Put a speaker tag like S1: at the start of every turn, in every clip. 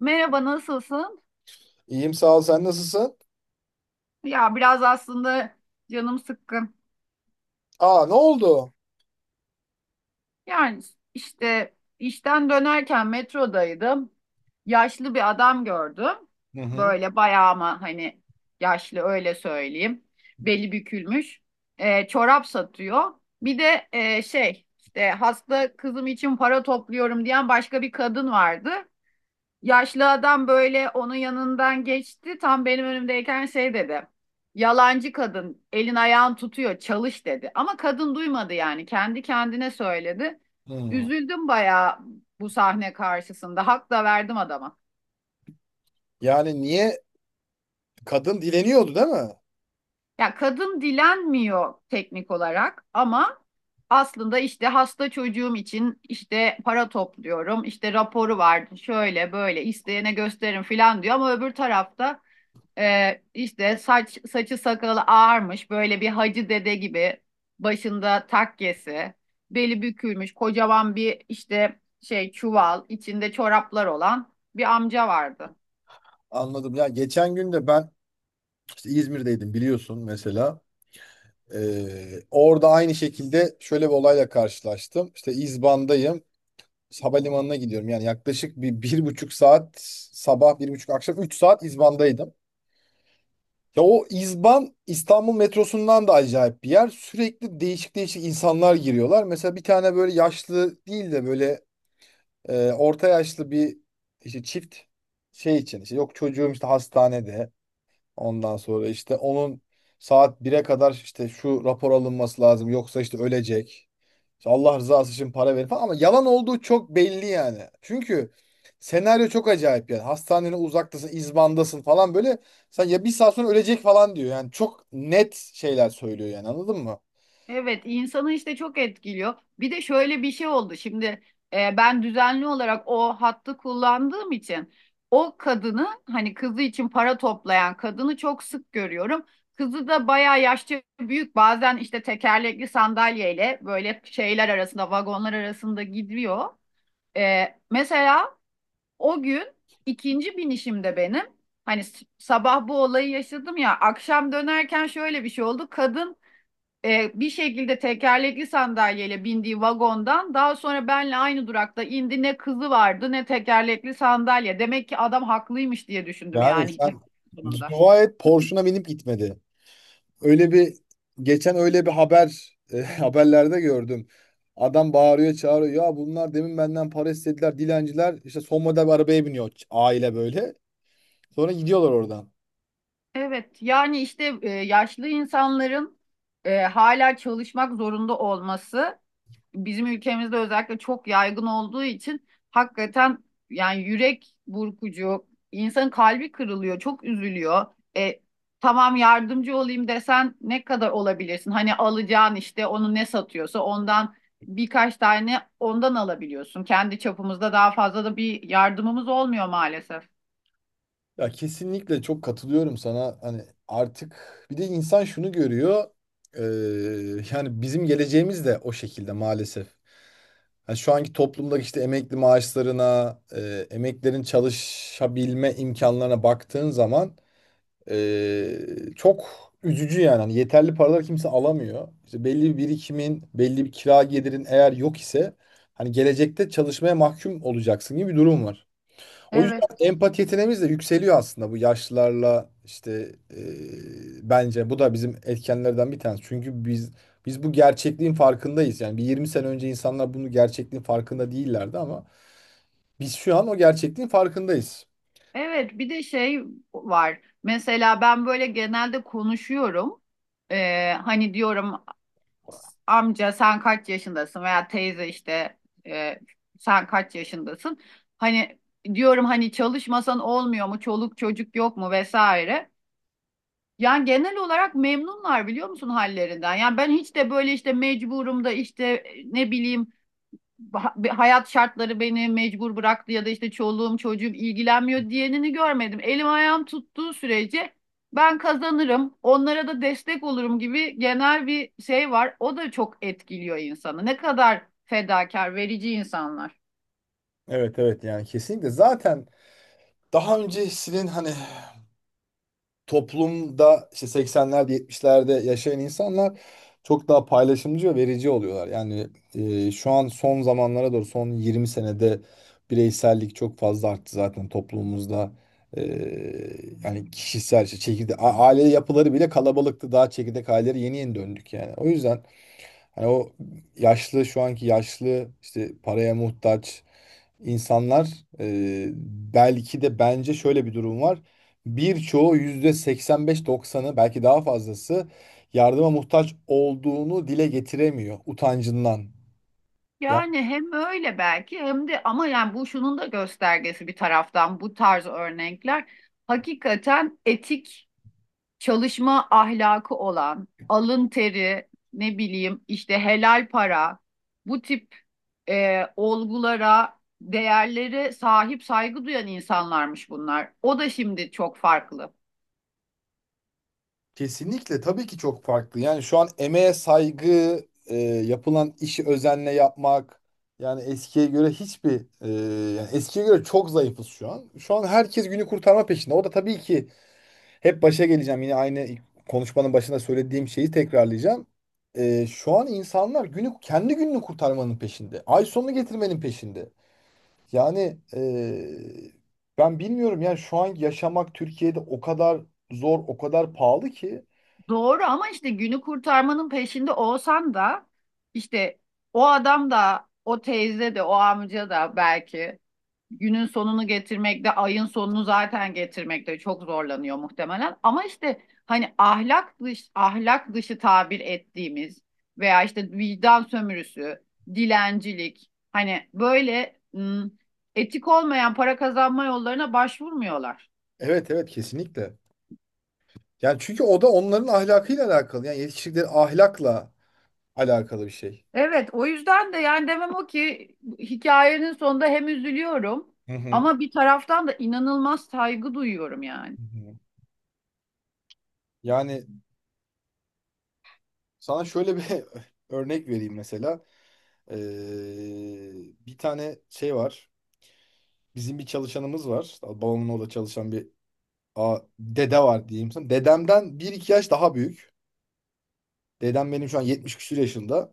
S1: Merhaba, nasılsın?
S2: İyiyim sağ ol. Sen nasılsın?
S1: Ya biraz aslında canım sıkkın.
S2: Aa ne oldu?
S1: Yani işte işten dönerken metrodaydım. Yaşlı bir adam gördüm.
S2: Hı hı.
S1: Böyle bayağı ama hani yaşlı öyle söyleyeyim. Beli bükülmüş. Çorap satıyor. Bir de şey işte hasta kızım için para topluyorum diyen başka bir kadın vardı. Yaşlı adam böyle onun yanından geçti. Tam benim önümdeyken şey dedi. Yalancı kadın, elin ayağın tutuyor çalış dedi. Ama kadın duymadı, yani kendi kendine söyledi.
S2: Hı.
S1: Üzüldüm bayağı bu sahne karşısında. Hak da verdim adama.
S2: Yani niye kadın dileniyordu değil mi?
S1: Ya kadın dilenmiyor teknik olarak ama aslında işte hasta çocuğum için işte para topluyorum, işte raporu vardı, şöyle böyle isteyene gösterin filan diyor ama öbür tarafta işte saç saçı sakalı ağarmış, böyle bir hacı dede gibi, başında takkesi, beli bükülmüş, kocaman bir işte şey çuval, içinde çoraplar olan bir amca vardı.
S2: Anladım. Ya geçen gün de ben işte İzmir'deydim biliyorsun mesela. Orada aynı şekilde şöyle bir olayla karşılaştım. İşte İzban'dayım. Havalimanına gidiyorum. Yani yaklaşık bir, bir buçuk saat sabah bir buçuk akşam üç saat İzban'daydım. Ya o İzban İstanbul metrosundan da acayip bir yer. Sürekli değişik değişik insanlar giriyorlar. Mesela bir tane böyle yaşlı değil de böyle orta yaşlı bir işte çift şey için işte yok çocuğum işte hastanede ondan sonra işte onun saat bire kadar işte şu rapor alınması lazım yoksa işte ölecek. İşte Allah rızası için para verin falan ama yalan olduğu çok belli yani. Çünkü senaryo çok acayip yani. Hastanenin uzaktasın, izbandasın falan böyle sen ya bir saat sonra ölecek falan diyor. Yani çok net şeyler söylüyor yani anladın mı?
S1: Evet, insanı işte çok etkiliyor. Bir de şöyle bir şey oldu. Ben düzenli olarak o hattı kullandığım için o kadını, hani kızı için para toplayan kadını, çok sık görüyorum. Kızı da bayağı yaşça büyük. Bazen işte tekerlekli sandalyeyle böyle şeyler arasında, vagonlar arasında gidiyor. E, mesela o gün ikinci binişimde benim, hani sabah bu olayı yaşadım ya, akşam dönerken şöyle bir şey oldu. Kadın bir şekilde tekerlekli sandalyeyle bindiği vagondan daha sonra benle aynı durakta indi. Ne kızı vardı ne tekerlekli sandalye. Demek ki adam haklıymış diye düşündüm,
S2: Yani
S1: yani
S2: sen
S1: hikayenin sonunda.
S2: dua et Porsche'una binip gitmedi. Öyle bir geçen öyle bir haber haberlerde gördüm. Adam bağırıyor, çağırıyor. Ya bunlar demin benden para istediler dilenciler. İşte son model bir arabaya biniyor aile böyle. Sonra gidiyorlar oradan.
S1: Evet, yani işte yaşlı insanların hala çalışmak zorunda olması bizim ülkemizde özellikle çok yaygın olduğu için hakikaten yani yürek burkucu, insanın kalbi kırılıyor, çok üzülüyor. E, tamam, yardımcı olayım desen ne kadar olabilirsin? Hani alacağın işte, onu ne satıyorsa ondan birkaç tane ondan alabiliyorsun. Kendi çapımızda daha fazla da bir yardımımız olmuyor maalesef.
S2: Ya kesinlikle çok katılıyorum sana. Hani artık bir de insan şunu görüyor. Yani bizim geleceğimiz de o şekilde maalesef. Ha, şu anki toplumda işte emekli maaşlarına, emeklerin çalışabilme imkanlarına baktığın zaman eee, çok üzücü yani. Hani yeterli paralar kimse alamıyor. İşte belli bir birikimin, belli bir kira gelirin eğer yok ise hani gelecekte çalışmaya mahkum olacaksın gibi bir durum var. O yüzden
S1: Evet.
S2: empati yeteneğimiz de yükseliyor aslında bu yaşlılarla işte e, bence bu da bizim etkenlerden bir tanesi. Çünkü biz bu gerçekliğin farkındayız. Yani bir 20 sene önce insanlar bunu gerçekliğin farkında değillerdi ama biz şu an o gerçekliğin farkındayız.
S1: Evet, bir de şey var. Mesela ben böyle genelde konuşuyorum. Hani diyorum amca sen kaç yaşındasın, veya teyze işte e, sen kaç yaşındasın? Hani diyorum hani çalışmasan olmuyor mu? Çoluk çocuk yok mu, vesaire. Yani genel olarak memnunlar, biliyor musun, hallerinden. Yani ben hiç de böyle işte mecburum da, işte ne bileyim, hayat şartları beni mecbur bıraktı, ya da işte çoluğum çocuğum ilgilenmiyor diyenini görmedim. Elim ayağım tuttuğu sürece ben kazanırım, onlara da destek olurum gibi genel bir şey var. O da çok etkiliyor insanı. Ne kadar fedakar, verici insanlar.
S2: Evet evet yani kesinlikle zaten daha öncesinin hani toplumda işte 80'lerde 70'lerde yaşayan insanlar çok daha paylaşımcı ve verici oluyorlar. Yani şu an son zamanlara doğru son 20 senede bireysellik çok fazla arttı zaten toplumumuzda. E, Yani kişisel işte çekirdek aile yapıları bile kalabalıktı. Daha çekirdek aileleri yeni yeni döndük yani. O yüzden hani o yaşlı şu anki yaşlı işte paraya muhtaç insanlar e, belki de bence şöyle bir durum var. Birçoğu yüzde 85-90'ı belki daha fazlası yardıma muhtaç olduğunu dile getiremiyor utancından. Yani
S1: Yani hem öyle belki hem de, ama yani bu şunun da göstergesi bir taraftan, bu tarz örnekler hakikaten etik çalışma ahlakı olan, alın teri, ne bileyim işte helal para, bu tip olgulara, değerlere sahip, saygı duyan insanlarmış bunlar. O da şimdi çok farklı.
S2: kesinlikle tabii ki çok farklı. Yani şu an emeğe saygı, yapılan işi özenle yapmak yani eskiye göre hiçbir e, yani eskiye göre çok zayıfız şu an. Şu an herkes günü kurtarma peşinde. O da tabii ki hep başa geleceğim. Yine aynı konuşmanın başında söylediğim şeyi tekrarlayacağım. Şu an insanlar günü kendi gününü kurtarmanın peşinde. Ay sonunu getirmenin peşinde. Yani ben bilmiyorum yani şu an yaşamak Türkiye'de o kadar zor, o kadar pahalı ki.
S1: Doğru, ama işte günü kurtarmanın peşinde olsan da işte o adam da, o teyze de, o amca da belki günün sonunu getirmekte, ayın sonunu zaten getirmekte çok zorlanıyor muhtemelen. Ama işte hani ahlak dışı tabir ettiğimiz veya işte vicdan sömürüsü, dilencilik, hani böyle etik olmayan para kazanma yollarına başvurmuyorlar.
S2: Evet evet kesinlikle. Yani çünkü o da onların ahlakıyla alakalı. Yani yetiştirdikleri ahlakla alakalı bir şey.
S1: Evet, o yüzden de yani demem o ki, hikayenin sonunda hem üzülüyorum
S2: Hı hı.
S1: ama bir taraftan da inanılmaz saygı duyuyorum yani.
S2: Hı hı. Yani sana şöyle bir örnek vereyim mesela. Bir tane şey var. Bizim bir çalışanımız var. Babamın orada çalışan bir dede var diyeyim sana. Dedemden bir iki yaş daha büyük. Dedem benim şu an 70 küsur yaşında.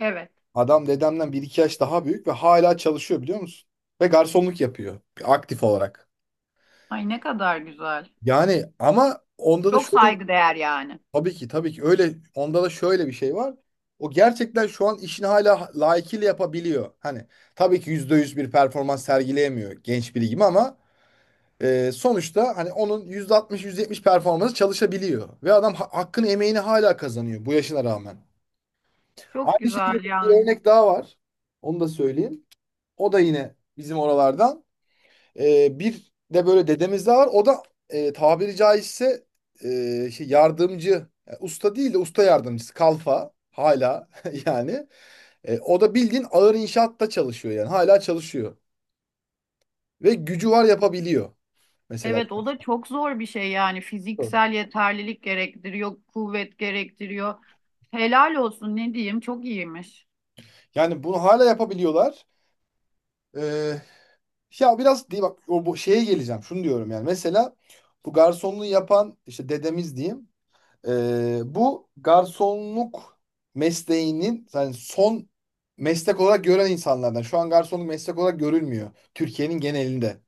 S1: Evet.
S2: Adam dedemden bir iki yaş daha büyük ve hala çalışıyor biliyor musun? Ve garsonluk yapıyor aktif olarak.
S1: Ay, ne kadar güzel.
S2: Yani ama onda da
S1: Çok saygıdeğer yani.
S2: tabii ki tabii ki öyle onda da şöyle bir şey var. O gerçekten şu an işini hala layıkıyla yapabiliyor. Hani tabii ki %100 bir performans sergileyemiyor genç biri gibi ama sonuçta hani onun %60-%70 performansı çalışabiliyor. Ve adam hakkını emeğini hala kazanıyor bu yaşına rağmen.
S1: Çok
S2: Aynı şekilde
S1: güzel
S2: bir
S1: yani.
S2: örnek daha var. Onu da söyleyeyim. O da yine bizim oralardan. Bir de böyle dedemiz daha var. O da tabiri caizse e, yardımcı. Yani usta değil de usta yardımcısı. Kalfa hala yani. O da bildiğin ağır inşaatta çalışıyor yani. Hala çalışıyor. Ve gücü var yapabiliyor. Mesela.
S1: Evet, o da çok zor bir şey yani. Fiziksel yeterlilik gerektiriyor, kuvvet gerektiriyor. Helal olsun, ne diyeyim, çok iyiymiş.
S2: Yani bunu hala yapabiliyorlar. Ee, Ya biraz değil bak o bu şeye geleceğim. Şunu diyorum yani. Mesela bu garsonluğu yapan işte dedemiz diyeyim. Bu garsonluk mesleğinin yani son meslek olarak gören insanlardan. Şu an garsonluk meslek olarak görülmüyor Türkiye'nin genelinde.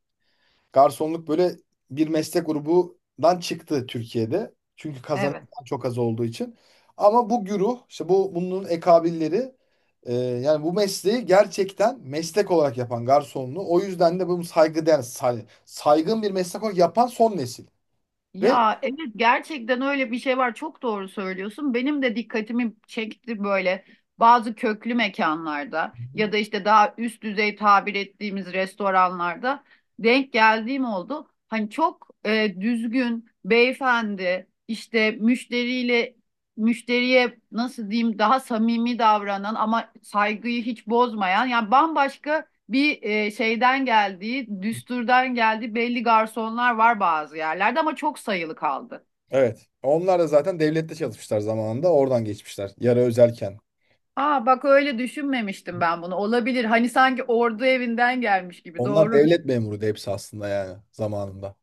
S2: Garsonluk böyle bir meslek grubundan çıktı Türkiye'de. Çünkü kazanan
S1: Evet.
S2: çok az olduğu için. Ama bu güruh, işte bu bunun ekabilleri yani bu mesleği gerçekten meslek olarak yapan garsonluğu o yüzden de bunu saygıdeğer, saygın bir meslek olarak yapan son nesil. Ve
S1: Ya evet, gerçekten öyle bir şey var. Çok doğru söylüyorsun. Benim de dikkatimi çekti böyle bazı köklü mekanlarda ya da işte daha üst düzey tabir ettiğimiz restoranlarda denk geldiğim oldu. Hani çok düzgün beyefendi, işte müşteriye nasıl diyeyim, daha samimi davranan ama saygıyı hiç bozmayan, yani bambaşka bir şeyden geldiği, düsturdan geldiği belli garsonlar var bazı yerlerde, ama çok sayılı kaldı.
S2: evet, onlar da zaten devlette çalışmışlar zamanında, oradan geçmişler. Yarı özelken.
S1: Aa, bak öyle düşünmemiştim ben bunu. Olabilir. Hani sanki ordu evinden gelmiş gibi.
S2: Onlar
S1: Doğru.
S2: devlet memuru da hepsi aslında yani zamanında.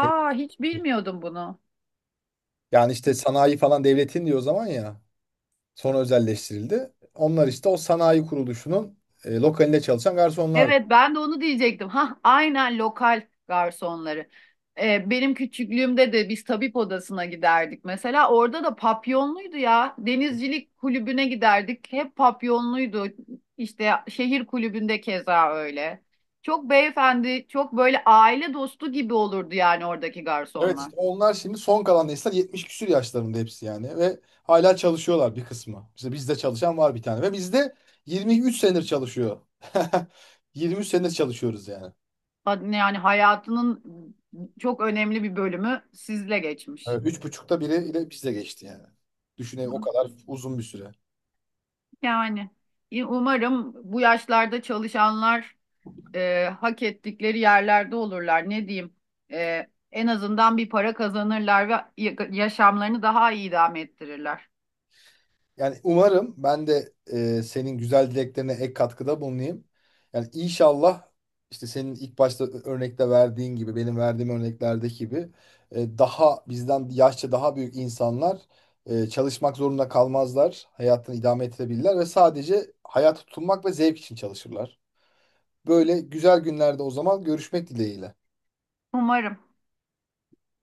S2: Hep-
S1: hiç bilmiyordum bunu.
S2: Yani işte sanayi falan devletin diyor o zaman ya. Sonra özelleştirildi. Onlar işte o sanayi kuruluşunun lokalinde çalışan garsonlardı.
S1: Evet, ben de onu diyecektim. Ha, aynen, lokal garsonları. Benim küçüklüğümde de biz tabip odasına giderdik mesela. Orada da papyonluydu ya. Denizcilik kulübüne giderdik. Hep papyonluydu. İşte şehir kulübünde keza öyle. Çok beyefendi, çok böyle aile dostu gibi olurdu yani oradaki
S2: Evet
S1: garsonlar.
S2: işte onlar şimdi son kalan nesiller 70 küsür yaşlarında hepsi yani ve hala çalışıyorlar bir kısmı. İşte bizde çalışan var bir tane ve bizde 23 senedir çalışıyor. 23 senedir çalışıyoruz yani.
S1: Ha- Yani hayatının çok önemli bir bölümü sizle
S2: Evet.
S1: geçmiş.
S2: Üç buçukta biri ile bizde geçti yani. Düşünün o kadar uzun bir süre.
S1: Yani umarım bu yaşlarda çalışanlar hak ettikleri yerlerde olurlar. Ne diyeyim? E, en azından bir para kazanırlar ve yaşamlarını daha iyi idame ettirirler.
S2: Yani umarım ben de senin güzel dileklerine ek katkıda bulunayım. Yani inşallah işte senin ilk başta örnekte verdiğin gibi benim verdiğim örneklerdeki gibi daha bizden yaşça daha büyük insanlar çalışmak zorunda kalmazlar. Hayatını idame ettirebilirler ve sadece hayata tutunmak ve zevk için çalışırlar. Böyle güzel günlerde o zaman görüşmek dileğiyle.
S1: Umarım.